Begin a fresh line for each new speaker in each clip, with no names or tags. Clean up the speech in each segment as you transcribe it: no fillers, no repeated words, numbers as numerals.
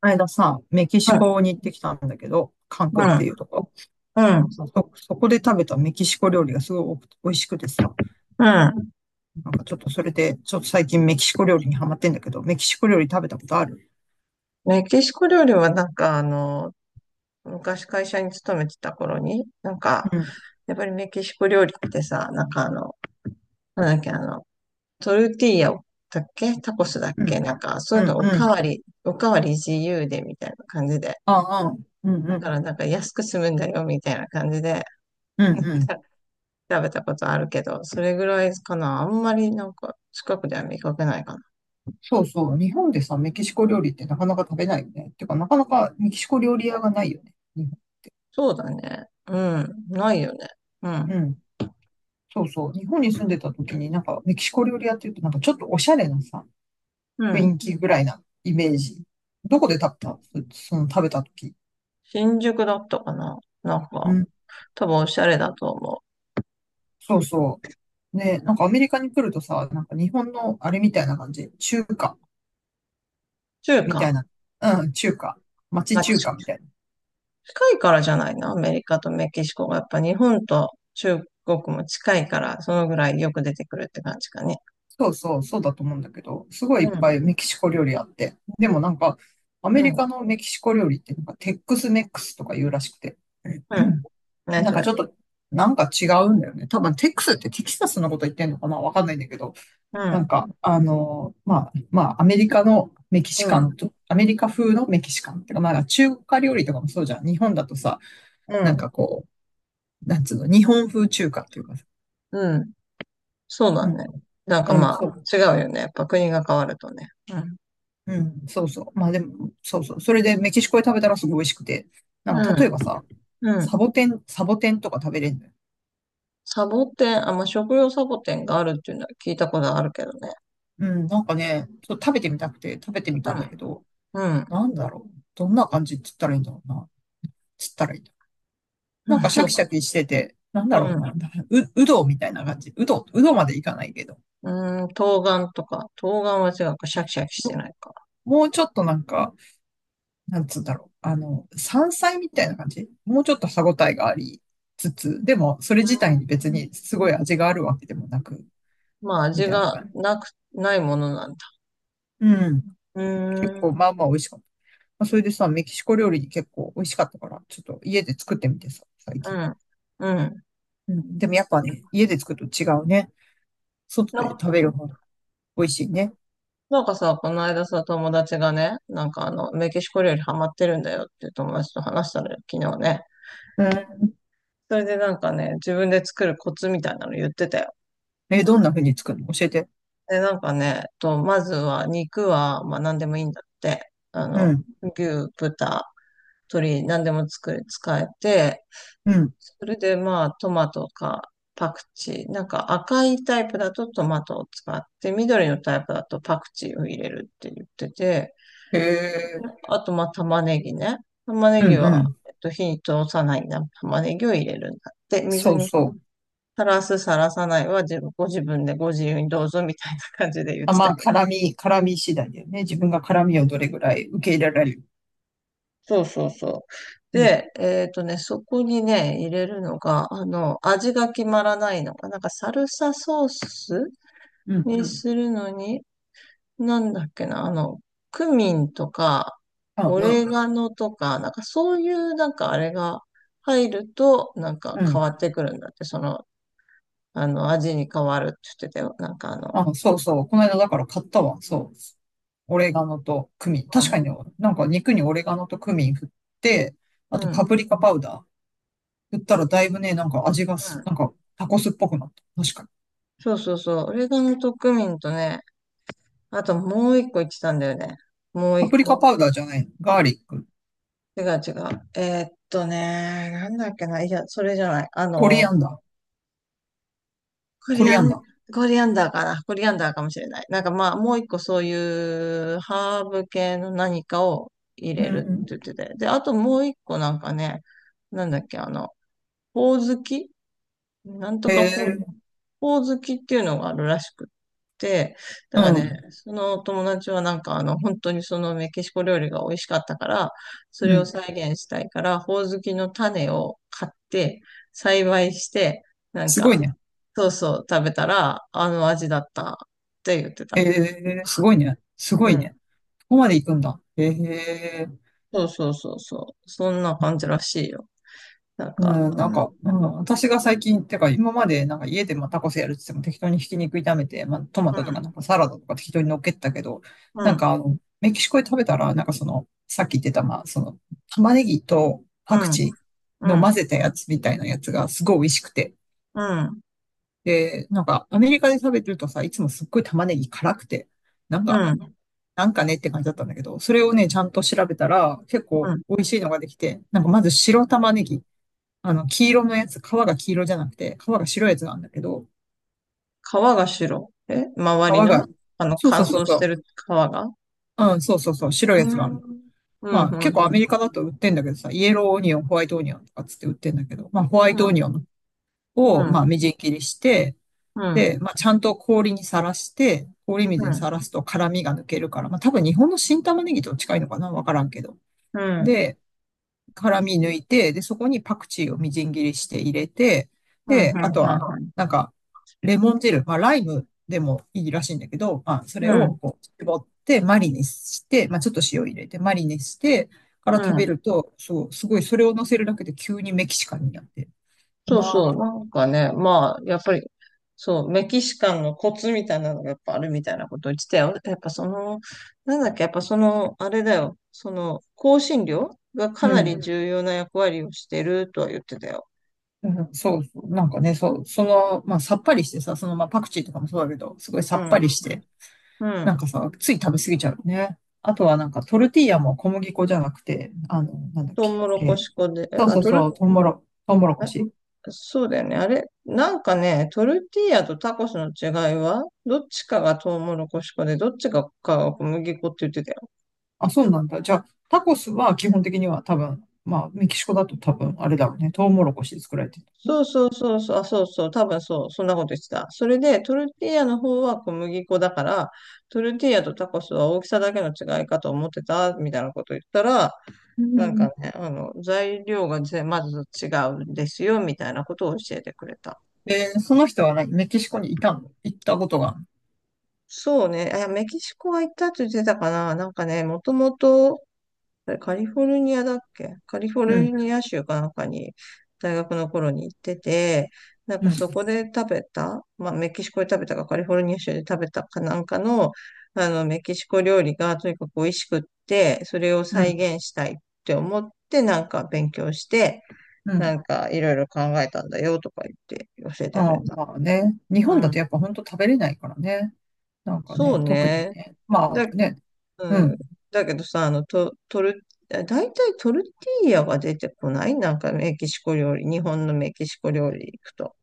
間さ、メキシ
うん、
コに行ってきたんだけど、カン
う
クンっていうとこ。
ん、うん、
そこで食べたメキシコ料理がすごい美味しくてさ、
うん。
なんかちょっとそれで、ちょっと最近メキシコ料理にハマってんだけど、メキシコ料理食べたことある？
メキシコ料理は昔会社に勤めてた頃に、
うん、
やっぱりメキシコ料理ってさ、なんだっけ、あの、トルティーヤだっけタコスだっ
う
け
ん、
そう
う
いうの
ん、
お
う
か
ん。
わり、おかわり自由でみたいな感じで。
ああ、うん、
だ
う
から
ん、
なんか安く済むんだよみたいな感じで
うん、うん。
た食べたことあるけど、それぐらいかな。あんまりなんか近くでは見かけないかな。
そうそう。日本でさ、メキシコ料理ってなかなか食べないよね。てか、なかなかメキシコ料理屋がないよね、日本。
そうだね。うん。ないよね。うん。
うん。そうそう。日本に住んでた時になんかメキシコ料理屋っていうとなんかちょっとおしゃれなさ、
うん。
雰囲気ぐらいなイメージ。どこで食べた？その食べた時。
新宿だったかななん
う
か、
ん。
多分おしゃれだと思う。
そうそう。ね、なんかアメリカに来るとさ、なんか日本のあれみたいな感じ。中華
中
み
華。
たいな。うん、中華。
ま
町
あ、
中
ち
華みたいな。
近いからじゃないな。アメリカとメキシコが。やっぱ日本と中国も近いから、そのぐらいよく出てくるって感じかね。
そうそう、そうだと思うんだけど、すごい
う
いっぱ
ん、
いメキシコ料理あって。でもなんか、ア
う
メリカ
ん、
のメキシコ料理ってなんかテックスメックスとか言うらしくて。
う
う
ん。
ん。
何
なん
そ
かち
れ。
ょっと、なんか違うんだよね。多分テックスってテキサスのこと言ってんのかな、わかんないんだけど。
う
なん
ん、
か、あの、まあ、アメリカのメキシ
う
カ
ん、
ンと、アメリカ風のメキシカンっていうか、まあ、中華料理とかもそうじゃん。日本だとさ、
う
なん
ん、
かこう、なんつうの、日本風中華っていうかさ。
うん。そう
う
だ
ん、
ね。なんか
うん、
ま
そう。
あ、違うよね。やっぱ国が変わるとね。うん、
うん、そうそう。まあでも、そうそう。それでメキシコで食べたらすごい美味しくて。なん
う
か、例え
ん、
ばさ、
う
サ
ん。
ボテン、サボテンとか食べれるのよ。
サボテン、あ、まあ、食用サボテンがあるっていうのは聞いたことあるけどね。
うん、なんかね、そう食べてみたくて食べてみたんだけど、
うん、うん、
なんだろう。どんな感じって言ったらいいんだろうな。つったらいいんだろう。
う
なんかシャキ
ん、
シャキしてて、なん
う
だろう
ん。
な、うどみたいな感じ。うどうどまでいかないけど。
うーん、冬瓜とか、冬瓜は違うか、シャキシャキしてないか。
もうちょっとなんか、なんつうんだろう。あの、山菜みたいな感じ、もうちょっと歯ごたえがありつつ、でもそれ
うー
自体に別
ん、
にすごい味があるわけでもなく、
まあ、
み
味
たいな
が
感じ。
なく、ないものなんだ。
うん。
う
結
ー
構
ん、
まあまあ美味しかった。まあ、それでさ、メキシコ料理結構美味しかったから、ちょっと家で作ってみてさ、最
う
近。
ん、うん。
うん。でもやっぱね、家で作ると違うね。外で
な、
食べる方が美味しいね。
なんかさ、この間さ、友達がね、メキシコ料理ハマってるんだよっていう友達と話したのよ、昨日ね。
うん。
それでなんかね、自分で作るコツみたいなの言ってたよ。
え、どんな風に作るの？教えて。
で、なんかね、まずは肉は、まあ何でもいいんだって。あ
う
の、
ん、
牛、豚、鶏、何でも作れ、使えて、
うん。
それでまあトマトかパクチー。なんか赤いタイプだとトマトを使って、緑のタイプだとパクチーを入れるって言ってて、
へえ、
あとまあ玉ねぎね。玉ね
う
ぎ
ん、う
は、
ん。
えっと、火に通さないな玉ねぎを入れるんだって。水
そう
に
そう。
さらす、さらさないはご自分でご自由にどうぞみたいな感じで言っ
あ、
て
ま
た
あ、
けど。
絡み次第だよね。自分が絡みをどれぐらい受け入れられる。
そうそうそう。
うん、
で、えっとね、そこにね、入れるのが、あの、味が決まらないのが、なんかサルサソース
うん、う
に
ん。
するのに、なんだっけな、あの、クミンとか、
あ、
オ
う
レ
ん、
ガノとか、なんかそういうなんかあれが入ると、なんか
う
変
ん。
わってくるんだって、その、あの、味に変わるって言ってたよ。なんかあの、
あ、そうそう。この間だから買ったわ。そう。オレガノとクミン。確かにね、なんか肉にオレガノとクミン振って、あ
うん、
と
うん。
パプリカパウダー振ったらだいぶね、なんか味がす、なんかタコスっぽくなった。確かに。
そうそうそう、オレガノとクミンとね、あともう一個言ってたんだよね。もう
パ
一
プリカパ
個。
ウダーじゃないの？ガーリック。
違う違う。ね、なんだっけな、いや、それじゃない。あ
コリア
の、
ンダー。
コ
コ
リ
リ
ア
アン
ン、
ダー。
コリアンダーかな。コリアンダーかもしれない。なんかまあ、もう一個そういうハーブ系の何かを入
う
れるって言
ん。
ってて。で、あともう一個なんかね、なんだっけ、あの、ほおずきなんと
へ
かほ、
え。
ほうずきっていうのがあるらしくって、だ
う
からね、
ん。
その友達はなんかあの、本当にそのメキシコ料理が美味しかったから、そ
う
れを
ん。
再現したいから、ほうずきの種を買って、栽培して、なん
すごい
か、
ね。
そうそう食べたら、あの味だったって言って
へ
た。
え、すごいね。すご
う
い
ん。
ね。ここまで行くんだ。へえ、
そうそうそうそう。そんな感じらしいよ。なん
う
か、
ん、
う
なん
ん、
か、うん、私が最近、てか今までなんか家でまあタコスやるって言っても適当にひき肉炒めて、まあトマ
う
トとか
ん、
なんかサラダとか適当に乗っけてたけど、
う
なん
ん、
かあの、メキシコで食べたら、なんかその、さっき言ってた、まあその、玉ねぎと
う
パク
ん、
チー
う
の混ぜ
ん、
たやつみたいなやつがすごい美味しくて。
うん、
で、なんかアメリカで食べてるとさ、いつもすっごい玉ねぎ辛くて、なん
う
か、
ん、
なんかねって感じだったんだけど、それをね、ちゃんと調べたら、結
う
構
ん。
美味しいのができて、なんかまず白玉ねぎ。あの、黄色のやつ、皮が黄色じゃなくて、皮が白いやつなんだけど、
川が白。え、
皮
周りの
が、
あの、
そう
乾
そうそう
燥し
そ
て
う、
る川が、
うん、そうそうそう、白
う
いやつがあ
ん。
るの。
う
ま
ん、う
あ、結
ん、う
構アメ
ん。
リカだと売ってんだけどさ、イエローオニオン、ホワイトオニオンとかつって売ってんだけど、まあ、ホワ
う
イトオニオ
ん、
ン
う
を、
ん、
まあ、みじん切りして、
うん、
で、まあ、ちゃんと氷にさらして、氷水
う
に
ん、
さらすと辛みが抜けるから、まあ、多分日本の新玉ねぎと近いのかな、わからんけど。
うん、
で、辛み抜いて、で、そこにパクチーをみじん切りして入れて、
う
で、あとは、
ん、
なんか、レモン汁、まあ、ライムでもいいらしいんだけど、まあ、そ
う
れ
ん、
をこう、絞ってマリネして、まあ、ちょっと塩入れてマリネしてから
う
食べ
ん。
ると、そう、すごい、それを乗せるだけで急にメキシカンになって、
そう
まあ、
そう。なんかね、まあ、やっぱり、そう、メキシカンのコツみたいなのがやっぱあるみたいなことを言ってたよ。やっぱその、なんだっけ、やっぱその、あれだよ。その、香辛料が
う
かなり
ん。
重要な役割をしてるとは言ってたよ。
うん、そうそう、なんかね、そう、その、まあ、さっぱりしてさ、その、まあ、パクチーとかもそうだけど、すごい
う
さっぱ
ん、
りして、
う
なん
ん。
かさ、つい食べ過ぎちゃうよね。あとはなんかトルティーヤも小麦粉じゃなくて、あの、なんだっ
トウ
け。
モロコシ粉で、
そうそうそう、トウモロコシ。
そうだよね。あれ、なんかね、トルティーヤとタコスの違いは、どっちかがトウモロコシ粉で、どっちかが小麦粉って言ってたよ。
あ、そうなんだ。じゃあ、タコスは基本的には多分、まあ、メキシコだと多分、あれだろうね。トウモロコシで作られてるね。
そうそうそうそう、あ、そうそう、多分そう、そんなこと言ってた。それで、トルティーヤの方は小麦粉だから、トルティーヤとタコスは大きさだけの違いかと思ってた、みたいなこと言ったら、
う
なん
ん。
かね、あの、材料がまず違うんですよ、みたいなことを教えてくれた。
えー、その人は何、メキシコにいたの？行ったことがあるの？
そうね、あ、メキシコは行ったって言ってたかな。なんかね、もともと、あれカリフォルニアだっけカリフォルニア州かなんかに大学の頃に行ってて、なん
う
か
ん、うん、
そこで食べた、まあメキシコで食べたかカリフォルニア州で食べたかなんかの、あのメキシコ料理がとにかく美味しくって、それを
う
再
ん、
現したいって思ってなんか勉強して、
うん。
なんかいろいろ考えたんだよとか言って教えてく
あ
れ
あ、
た。
まあね。日
う
本だと
ん。
やっぱ本当食べれないからね。なんか
そ
ね、
う
特に
ね。
ね。
だ
まあね、
う
う
ん。
ん。
だけどさ、あの、と、トル、だいたいトルティーヤが出てこないなんかメキシコ料理、日本のメキシコ料理行くと。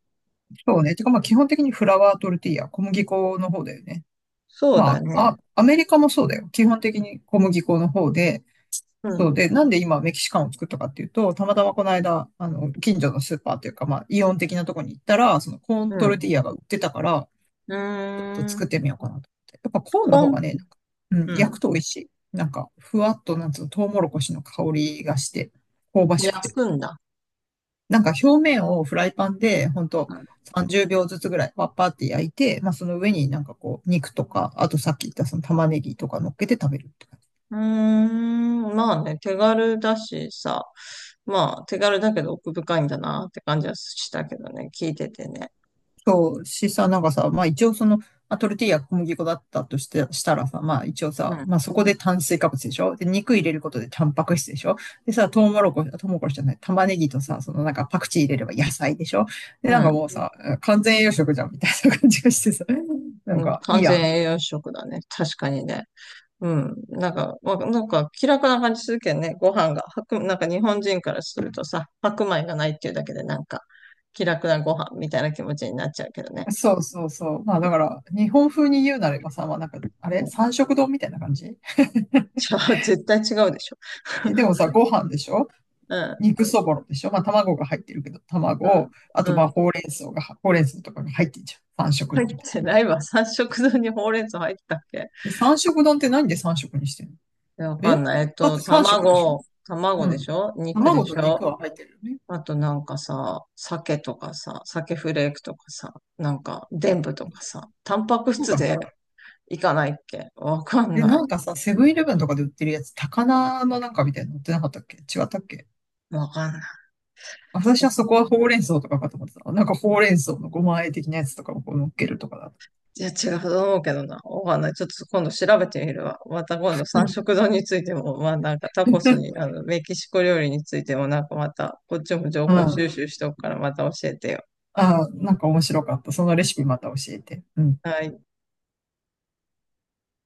そうね。てか、まあ、基本的にフラワートルティーヤ、小麦粉の方だよね。
そうだ
まあ、あ、
ね。
アメリカもそうだよ。基本的に小麦粉の方で、
う
そう
ん、
で、なんで今メキシカンを作ったかっていうと、たまたまこの間、あの、近所のスーパーというか、まあ、イオン的なとこに行ったら、そのコーン
う
トル
ん。
ティーヤが売ってたから、
う
ちょっと
ーん。
作ってみようかなと思って。やっぱコーンの
こ
方
ん、
がね、なんか、うん、
う
焼く
ん。
と美味しい。なんか、ふわっと、なんつうの、トウモロコシの香りがして、香ばしく
焼
て。
くんだ。
なんか表面をフライパンで、ほんと30秒ずつぐらい、パッパーって焼いて、まあその上になんかこう、肉とか、あとさっき言ったその玉ねぎとか乗っけて食べるって感じ。
うーん。まあね、手軽だしさ。まあ、手軽だけど奥深いんだなって感じはしたけどね、聞いててね。
そう、しさ、なんかさ、まあ一応その、まあ、トルティーヤ小麦粉だったとして、したらさ、まあ一応
う
さ、
ん、
まあそこで炭水化物でしょ？で、肉入れることでタンパク質でしょ？でさ、トウモロコシじゃない、玉ねぎとさ、そのなんかパクチー入れれば野菜でしょ？で、
う
なんか
ん、
もうさ、完全栄養食じゃんみたいな感じがしてさ、なん
うん。
かいい
完
や
全
ん。
栄養食だね。確かにね。うん。なんか、なんか気楽な感じするけどね、ご飯が。なんか日本人からするとさ、白米がないっていうだけでなんか気楽なご飯みたいな気持ちになっちゃうけどね。
そうそうそう。まあだから、日本風に言うなればさ、まあなんか、あ
う
れ
ん。
三色丼みたいな感じ。
じゃあ、絶対違うでしょ。
え、でもさ、ご飯でしょ？
うん。
肉そぼろでしょ？まあ卵が入ってるけど、
うん。
卵、あと
う
ま
ん。
あほうれん草が、ほうれん草とかが入ってんじゃん、三色
入っ
丼って。
てないわ。三色丼にほうれん草入ってたっけ？
で、三色丼って何で三色にしてんの？
いや、わか
え、
んない。えっ
だっ
と、
て三色でしょ？
卵、卵
う
でし
ん。
ょ？肉で
卵と
し
肉
ょ？
は入ってるよね。
あとなんかさ、鮭とかさ、鮭フレークとかさ、なんか、でんぶとかさ、タンパク
そう
質
だっ
で
け？
いかないっけ？わかん
で、
な
な
い。
んかさ、セブンイレブンとかで売ってるやつ、高菜のなんかみたいなの売ってなかったっけ？違ったっけ？
わかんない。
私はそこはほうれん草とかかと思ってた。なんかほうれん草のごま和え的なやつとかをこう乗っけるとかだと。
いや、違うと思うけどな。わかんない。ちょっと今度調べてみるわ。また今度三色丼についても、まあなんかタ
う
コス
ん。
に、あの、メキシコ料理についてもなんかまた、こっちも情報収集しとくからまた教えてよ。
ああ、なんか面白かった。そのレシピまた教えて。うん。
はい。